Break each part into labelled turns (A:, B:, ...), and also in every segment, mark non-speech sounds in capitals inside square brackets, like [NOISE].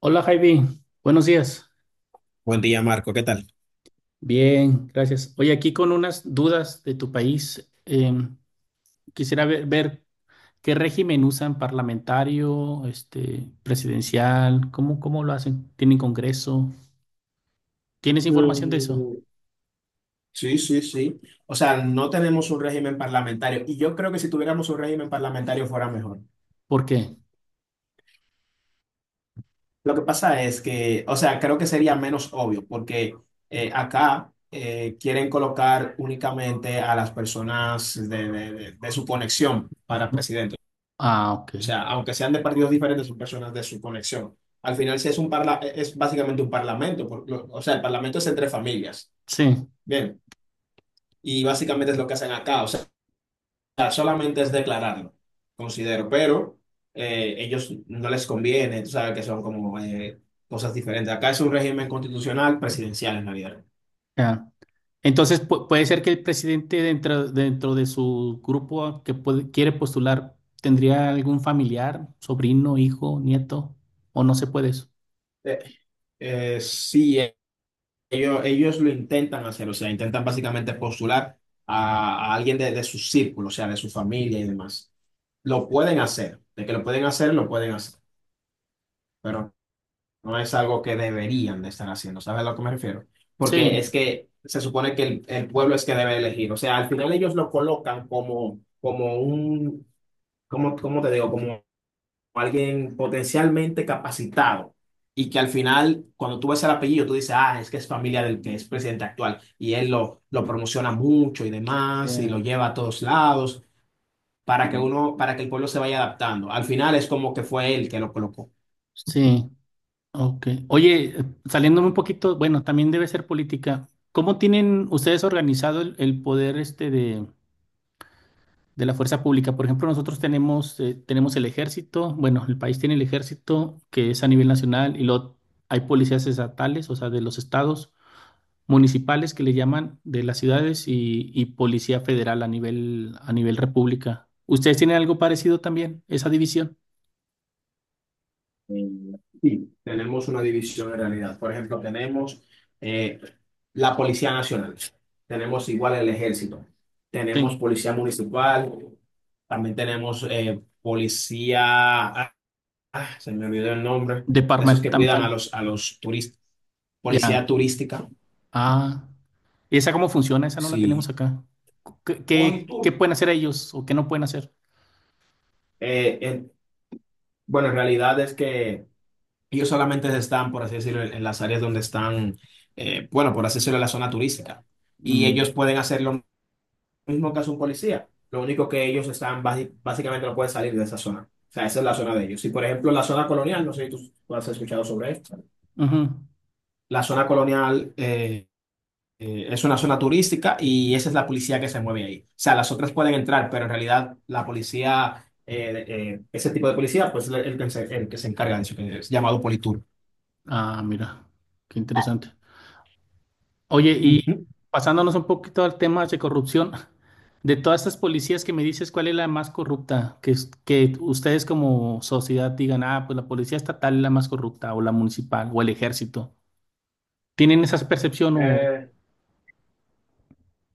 A: Hola Javi, buenos días.
B: Buen día, Marco. ¿Qué tal?
A: Bien, gracias. Oye, aquí con unas dudas de tu país. Quisiera ver qué régimen usan, parlamentario, este, presidencial, cómo lo hacen. ¿Tienen congreso? ¿Tienes información de eso?
B: Mm, sí, sí, sí. O sea, no tenemos un régimen parlamentario y yo creo que si tuviéramos un régimen parlamentario fuera mejor.
A: ¿Por qué?
B: Lo que pasa es que, o sea, creo que sería menos obvio porque acá quieren colocar únicamente a las personas de su conexión para presidente.
A: Ah, ok.
B: O sea, aunque sean de partidos diferentes, son personas de su conexión. Al final, es básicamente un parlamento, o sea, el parlamento es entre familias.
A: Sí,
B: Bien, y básicamente es lo que hacen acá. O sea, solamente es declararlo, considero, pero ellos no les conviene, tú sabes que son como cosas diferentes. Acá es un régimen constitucional presidencial en realidad.
A: ya. Entonces puede ser que el presidente dentro de su grupo que quiere postular, tendría algún familiar, sobrino, hijo, nieto, o no se puede eso.
B: Eh, sí, ellos lo intentan hacer, o sea, intentan básicamente postular a alguien de su círculo, o sea, de su familia y demás. Lo pueden hacer, de que lo pueden hacer, pero no es algo que deberían de estar haciendo, ¿sabes a lo que me refiero? Porque es
A: Sí.
B: que se supone que el pueblo es que debe elegir. O sea, al final ellos lo colocan como, como un, como, ¿cómo te digo? Como alguien potencialmente capacitado. Y que al final, cuando tú ves el apellido, tú dices, ah, es que es familia del que es presidente actual. Y él lo promociona mucho y demás, y lo lleva a todos lados, para que uno, para que el pueblo se vaya adaptando. Al final es como que fue él que lo colocó.
A: Sí, ok. Oye, saliéndome un poquito, bueno, también debe ser política. ¿Cómo tienen ustedes organizado el poder este de la fuerza pública? Por ejemplo, nosotros tenemos, tenemos el ejército, bueno, el país tiene el ejército que es a nivel nacional, y luego hay policías estatales, o sea, de los estados, municipales que le llaman, de las ciudades, y policía federal a a nivel república. ¿Ustedes tienen algo parecido también, esa división?
B: Eh, sí, tenemos una división en realidad. Por ejemplo, tenemos eh, la Policía Nacional, tenemos igual el Ejército, tenemos
A: Sí,
B: Policía Municipal, también tenemos Policía, se me olvidó el nombre, de esos que cuidan
A: departamental.
B: a los turistas,
A: Ya.
B: Policía Turística,
A: Ah. ¿Y esa cómo funciona? Esa no la tenemos
B: sí.
A: acá. ¿Qué, qué
B: Politur.
A: pueden hacer ellos o qué no pueden hacer?
B: Eh, eh, bueno, en realidad es que ellos solamente están, por así decirlo, en las áreas donde están, bueno, por así decirlo, en la zona turística. Y ellos
A: Mm,
B: pueden hacer lo mismo que hace un policía. Lo único que ellos están, básicamente no pueden salir de esa zona. O sea, esa es la zona de ellos. Y, por ejemplo, la zona colonial, no sé si tú has escuchado sobre esto.
A: ujú.
B: La zona colonial es una zona turística y esa es la policía que se mueve ahí. O sea, las otras pueden entrar, pero en realidad la policía, ese tipo de policía, pues es el que se encarga de eso, que es llamado Politur.
A: Ah, mira, qué interesante. Oye, y
B: Ujú.
A: pasándonos un poquito al tema de corrupción, [LAUGHS] de todas estas policías que me dices, ¿cuál es la más corrupta? Que, que ustedes como sociedad digan, ah, pues la policía estatal es la más corrupta, o la municipal, o el ejército. ¿Tienen esa percepción o...?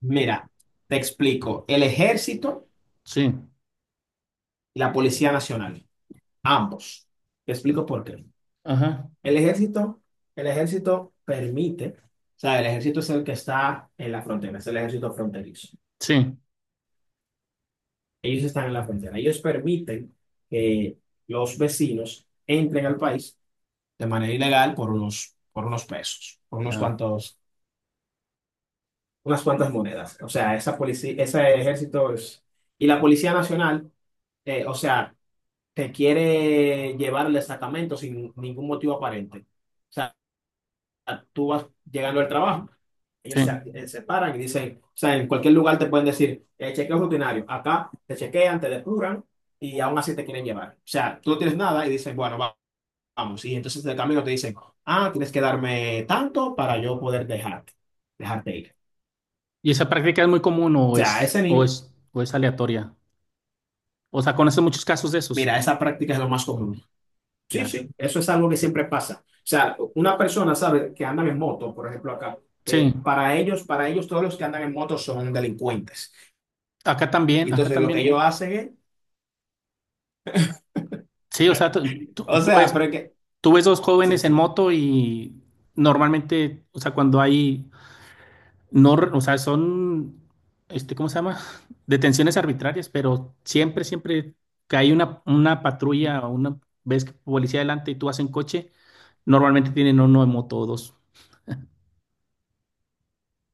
B: Mira, te explico. El ejército
A: Sí,
B: y la Policía Nacional, ambos. Te explico por qué.
A: ajá,
B: El ejército, el ejército permite, o sea, el ejército es el que está en la frontera, es el ejército fronterizo.
A: sí,
B: Ellos están en la frontera. Ellos permiten que los vecinos entren al país de manera ilegal por unos pesos, por unos
A: ya,
B: cuantos, unas cuantas monedas. O sea, esa policía, ese ejército es… Y la Policía Nacional, o sea te quiere llevar al destacamento sin ningún motivo aparente. O sea, tú vas llegando al trabajo,
A: sí.
B: ellos se, se paran y dicen, o sea, en cualquier lugar te pueden decir, chequeo rutinario, acá te chequean, te depuran y aún así te quieren llevar. O sea, tú no tienes nada y dicen, bueno, vamos. Y entonces de camino te dicen, ah, tienes que darme tanto para yo poder dejarte, dejarte ir.
A: ¿Y esa práctica es muy común
B: O
A: o
B: sea, a ese nivel,
A: o es aleatoria? O sea, conoces muchos casos de esos.
B: mira, esa práctica es lo más común. Sí,
A: Ya.
B: sí, eso es algo que siempre pasa. O sea, una persona sabe que andan en moto, por ejemplo, acá.
A: Sí.
B: Eh, para ellos, todos los que andan en moto son delincuentes.
A: Acá
B: Y
A: también, acá
B: entonces lo que
A: también.
B: ellos hacen es,
A: Sí, o sea,
B: o sea, pero es que,
A: tú ves dos
B: sí,
A: jóvenes en
B: sí.
A: moto y normalmente, o sea, no, o sea, son, este, ¿cómo se llama? [LAUGHS] Detenciones arbitrarias, pero siempre, siempre que hay una patrulla o una, ves que policía adelante y tú vas en coche, normalmente tienen uno en moto o dos.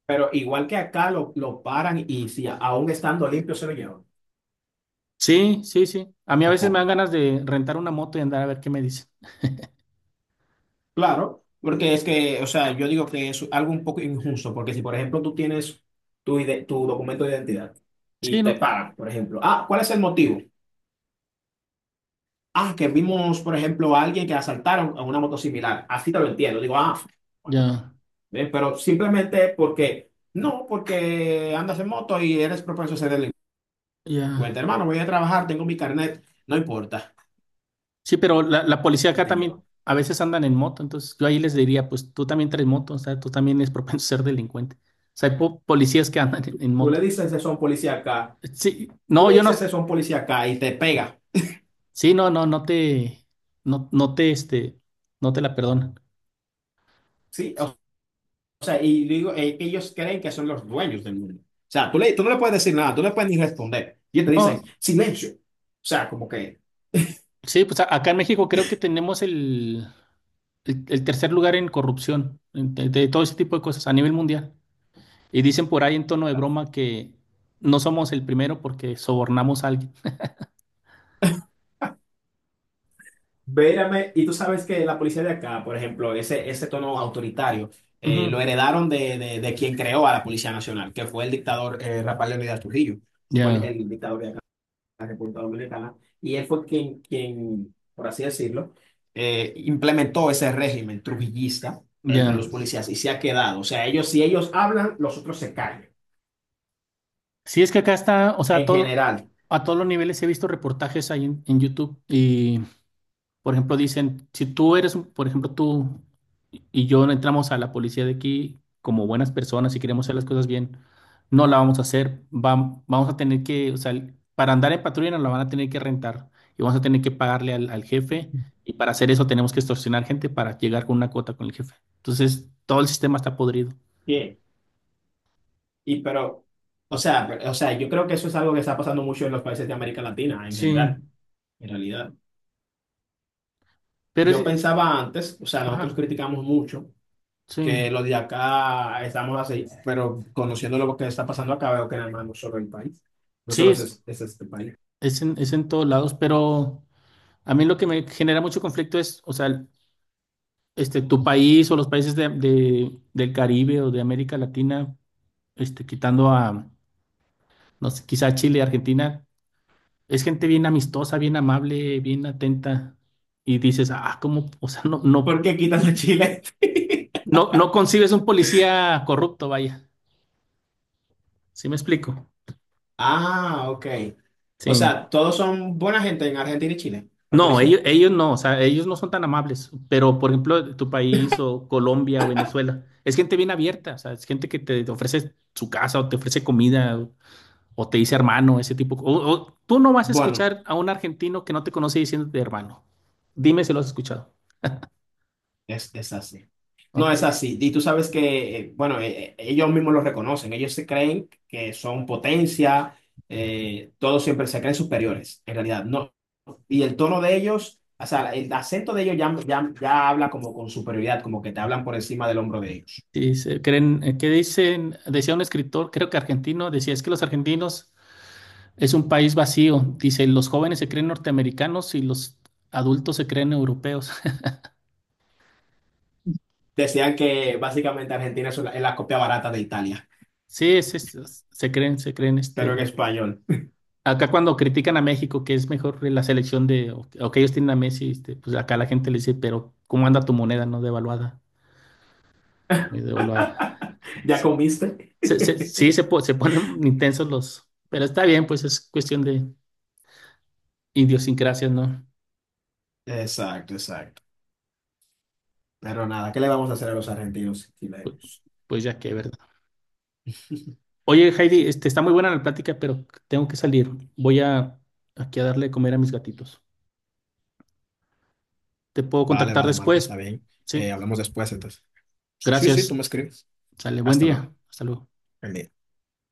B: Pero igual que acá lo paran y si aún estando limpio se lo llevan.
A: Sí, sí, sí. A mí a
B: ¿O
A: veces me
B: cómo?
A: dan ganas de rentar una moto y andar a ver qué me dicen.
B: Claro, porque es que, o sea, yo digo que es algo un poco injusto, porque si, por ejemplo, tú tienes tu, tu documento de identidad
A: Sí,
B: y te
A: no,
B: paran, por ejemplo, ah, ¿cuál es el motivo? Ah, que vimos, por ejemplo, a alguien que asaltaron a una moto similar. Así te lo entiendo. Digo, ah, bueno,
A: ya,
B: pero simplemente porque, no, porque andas en moto y eres propenso a ser
A: ya.
B: delincuente. Hermano, voy a trabajar, tengo mi carnet, no importa.
A: Sí, pero la policía
B: Y
A: acá
B: te
A: también
B: llevan.
A: a veces andan en moto, entonces yo ahí les diría, pues tú también traes moto, o sea, tú también eres [LAUGHS] propenso a ser delincuente. O sea, hay policías que andan en
B: Tú le
A: moto.
B: dices eso a un policía acá,
A: Sí,
B: tú
A: no,
B: le
A: yo
B: dices
A: no,
B: eso a un policía acá y te pega.
A: sí, no, no, no, no te, este, no te la perdonan.
B: Sí, o sea, y digo, ellos creen que son los dueños del mundo. O sea, tú, le, tú no le puedes decir nada, tú no le puedes ni responder. Y ellos te dicen,
A: No,
B: silencio. O sea, como que
A: sí, pues acá en México creo que tenemos el tercer lugar en corrupción, de todo ese tipo de cosas a nivel mundial. Y dicen por ahí en tono de broma que no somos el primero porque sobornamos a alguien.
B: vérame, y tú sabes que la policía de acá, por ejemplo, ese tono autoritario, lo
A: Ujú,
B: heredaron de quien creó a la Policía Nacional, que fue el dictador Rafael Leónidas Trujillo. Ese fue
A: ya,
B: el dictador de acá, de la República Dominicana, y él fue quien, quien por así decirlo, implementó ese régimen trujillista entre los
A: ya.
B: policías y se ha quedado. O sea, ellos, si ellos hablan, los otros se callan,
A: Sí, es que acá está, o sea,
B: en general.
A: a todos los niveles he visto reportajes ahí en YouTube. Y por ejemplo, dicen, si tú eres, por ejemplo, tú y yo no entramos a la policía de aquí como buenas personas y queremos hacer las cosas bien, no la vamos a hacer. Vamos a tener que, o sea, para andar en patrulla nos la van a tener que rentar, y vamos a tener que pagarle al jefe, y para hacer eso tenemos que extorsionar gente para llegar con una cuota con el jefe. Entonces, todo el sistema está podrido.
B: Bien. Y pero, o sea, o sea, yo creo que eso es algo que está pasando mucho en los países de América Latina en
A: Sí,
B: general. En realidad,
A: pero es,
B: yo pensaba antes, o sea, nosotros
A: ajá,
B: criticamos mucho
A: sí,
B: que los de acá estamos así, pero conociendo lo que está pasando acá, veo que nada más no solo el país, no
A: sí,
B: solo
A: es,
B: es este país.
A: es en todos lados, pero a mí lo que me genera mucho conflicto es, o sea, este, tu país o los países de del Caribe o de América Latina, este, quitando a, no sé, quizá Chile, Argentina, es gente bien amistosa, bien amable, bien atenta. Y dices, ah, ¿cómo? O sea, no,
B: ¿Por
A: no,
B: qué quitas a Chile? [LAUGHS]
A: no, no concibes un policía corrupto, vaya. ¿Sí me explico?
B: Ah, ok. O
A: Sí.
B: sea, todos son buena gente en Argentina y Chile, la
A: No,
B: policía.
A: ellos no, o sea, ellos no son tan amables, pero por ejemplo, tu país o Colombia o Venezuela, es gente bien abierta, o sea, es gente que te ofrece su casa o te ofrece comida, o te dice hermano, ese tipo. O tú no vas a
B: Bueno.
A: escuchar a un argentino que no te conoce diciéndote hermano. Dime si lo has escuchado.
B: Es así. No, es
A: Ok.
B: así. Y tú sabes que, bueno, ellos mismos lo reconocen. Ellos se creen que son potencia, todos siempre se creen superiores, en realidad. No. Y el tono de ellos, o sea, el acento de ellos ya, ya, ya habla como con superioridad, como que te hablan por encima del hombro de ellos.
A: Sí, dice, creen, ¿qué dicen? Decía un escritor, creo que argentino, decía, es que los argentinos, es un país vacío. Dice, los jóvenes se creen norteamericanos y los adultos se creen europeos. [LAUGHS]
B: Decían que básicamente Argentina es la copia barata de Italia,
A: Sí, es, se creen, se creen,
B: pero en
A: este.
B: español.
A: Acá cuando critican a México, que es mejor la selección de, o que ellos tienen a Messi, este, pues acá la gente le dice, pero ¿cómo anda tu moneda, no devaluada? Muy devaluada.
B: [LAUGHS] ¿Ya comiste?
A: Sí, se, se ponen [LAUGHS] intensos los, pero está bien, pues es cuestión de idiosincrasias, ¿no?
B: Exacto, exacto. Pero nada, ¿qué le vamos a hacer a los argentinos y
A: Pues,
B: chilenos?
A: pues ya que, ¿verdad?
B: [LAUGHS]
A: Oye, Heidi, este, está muy buena la plática, pero tengo que salir. Voy a aquí a darle de comer a mis gatitos. Te puedo
B: Vale,
A: contactar
B: vale, Marco, está
A: después.
B: bien.
A: Sí,
B: Hablamos después, entonces. Sí, sí, tú
A: gracias.
B: me escribes.
A: Sale, buen
B: Hasta luego.
A: día. Hasta luego.
B: El día.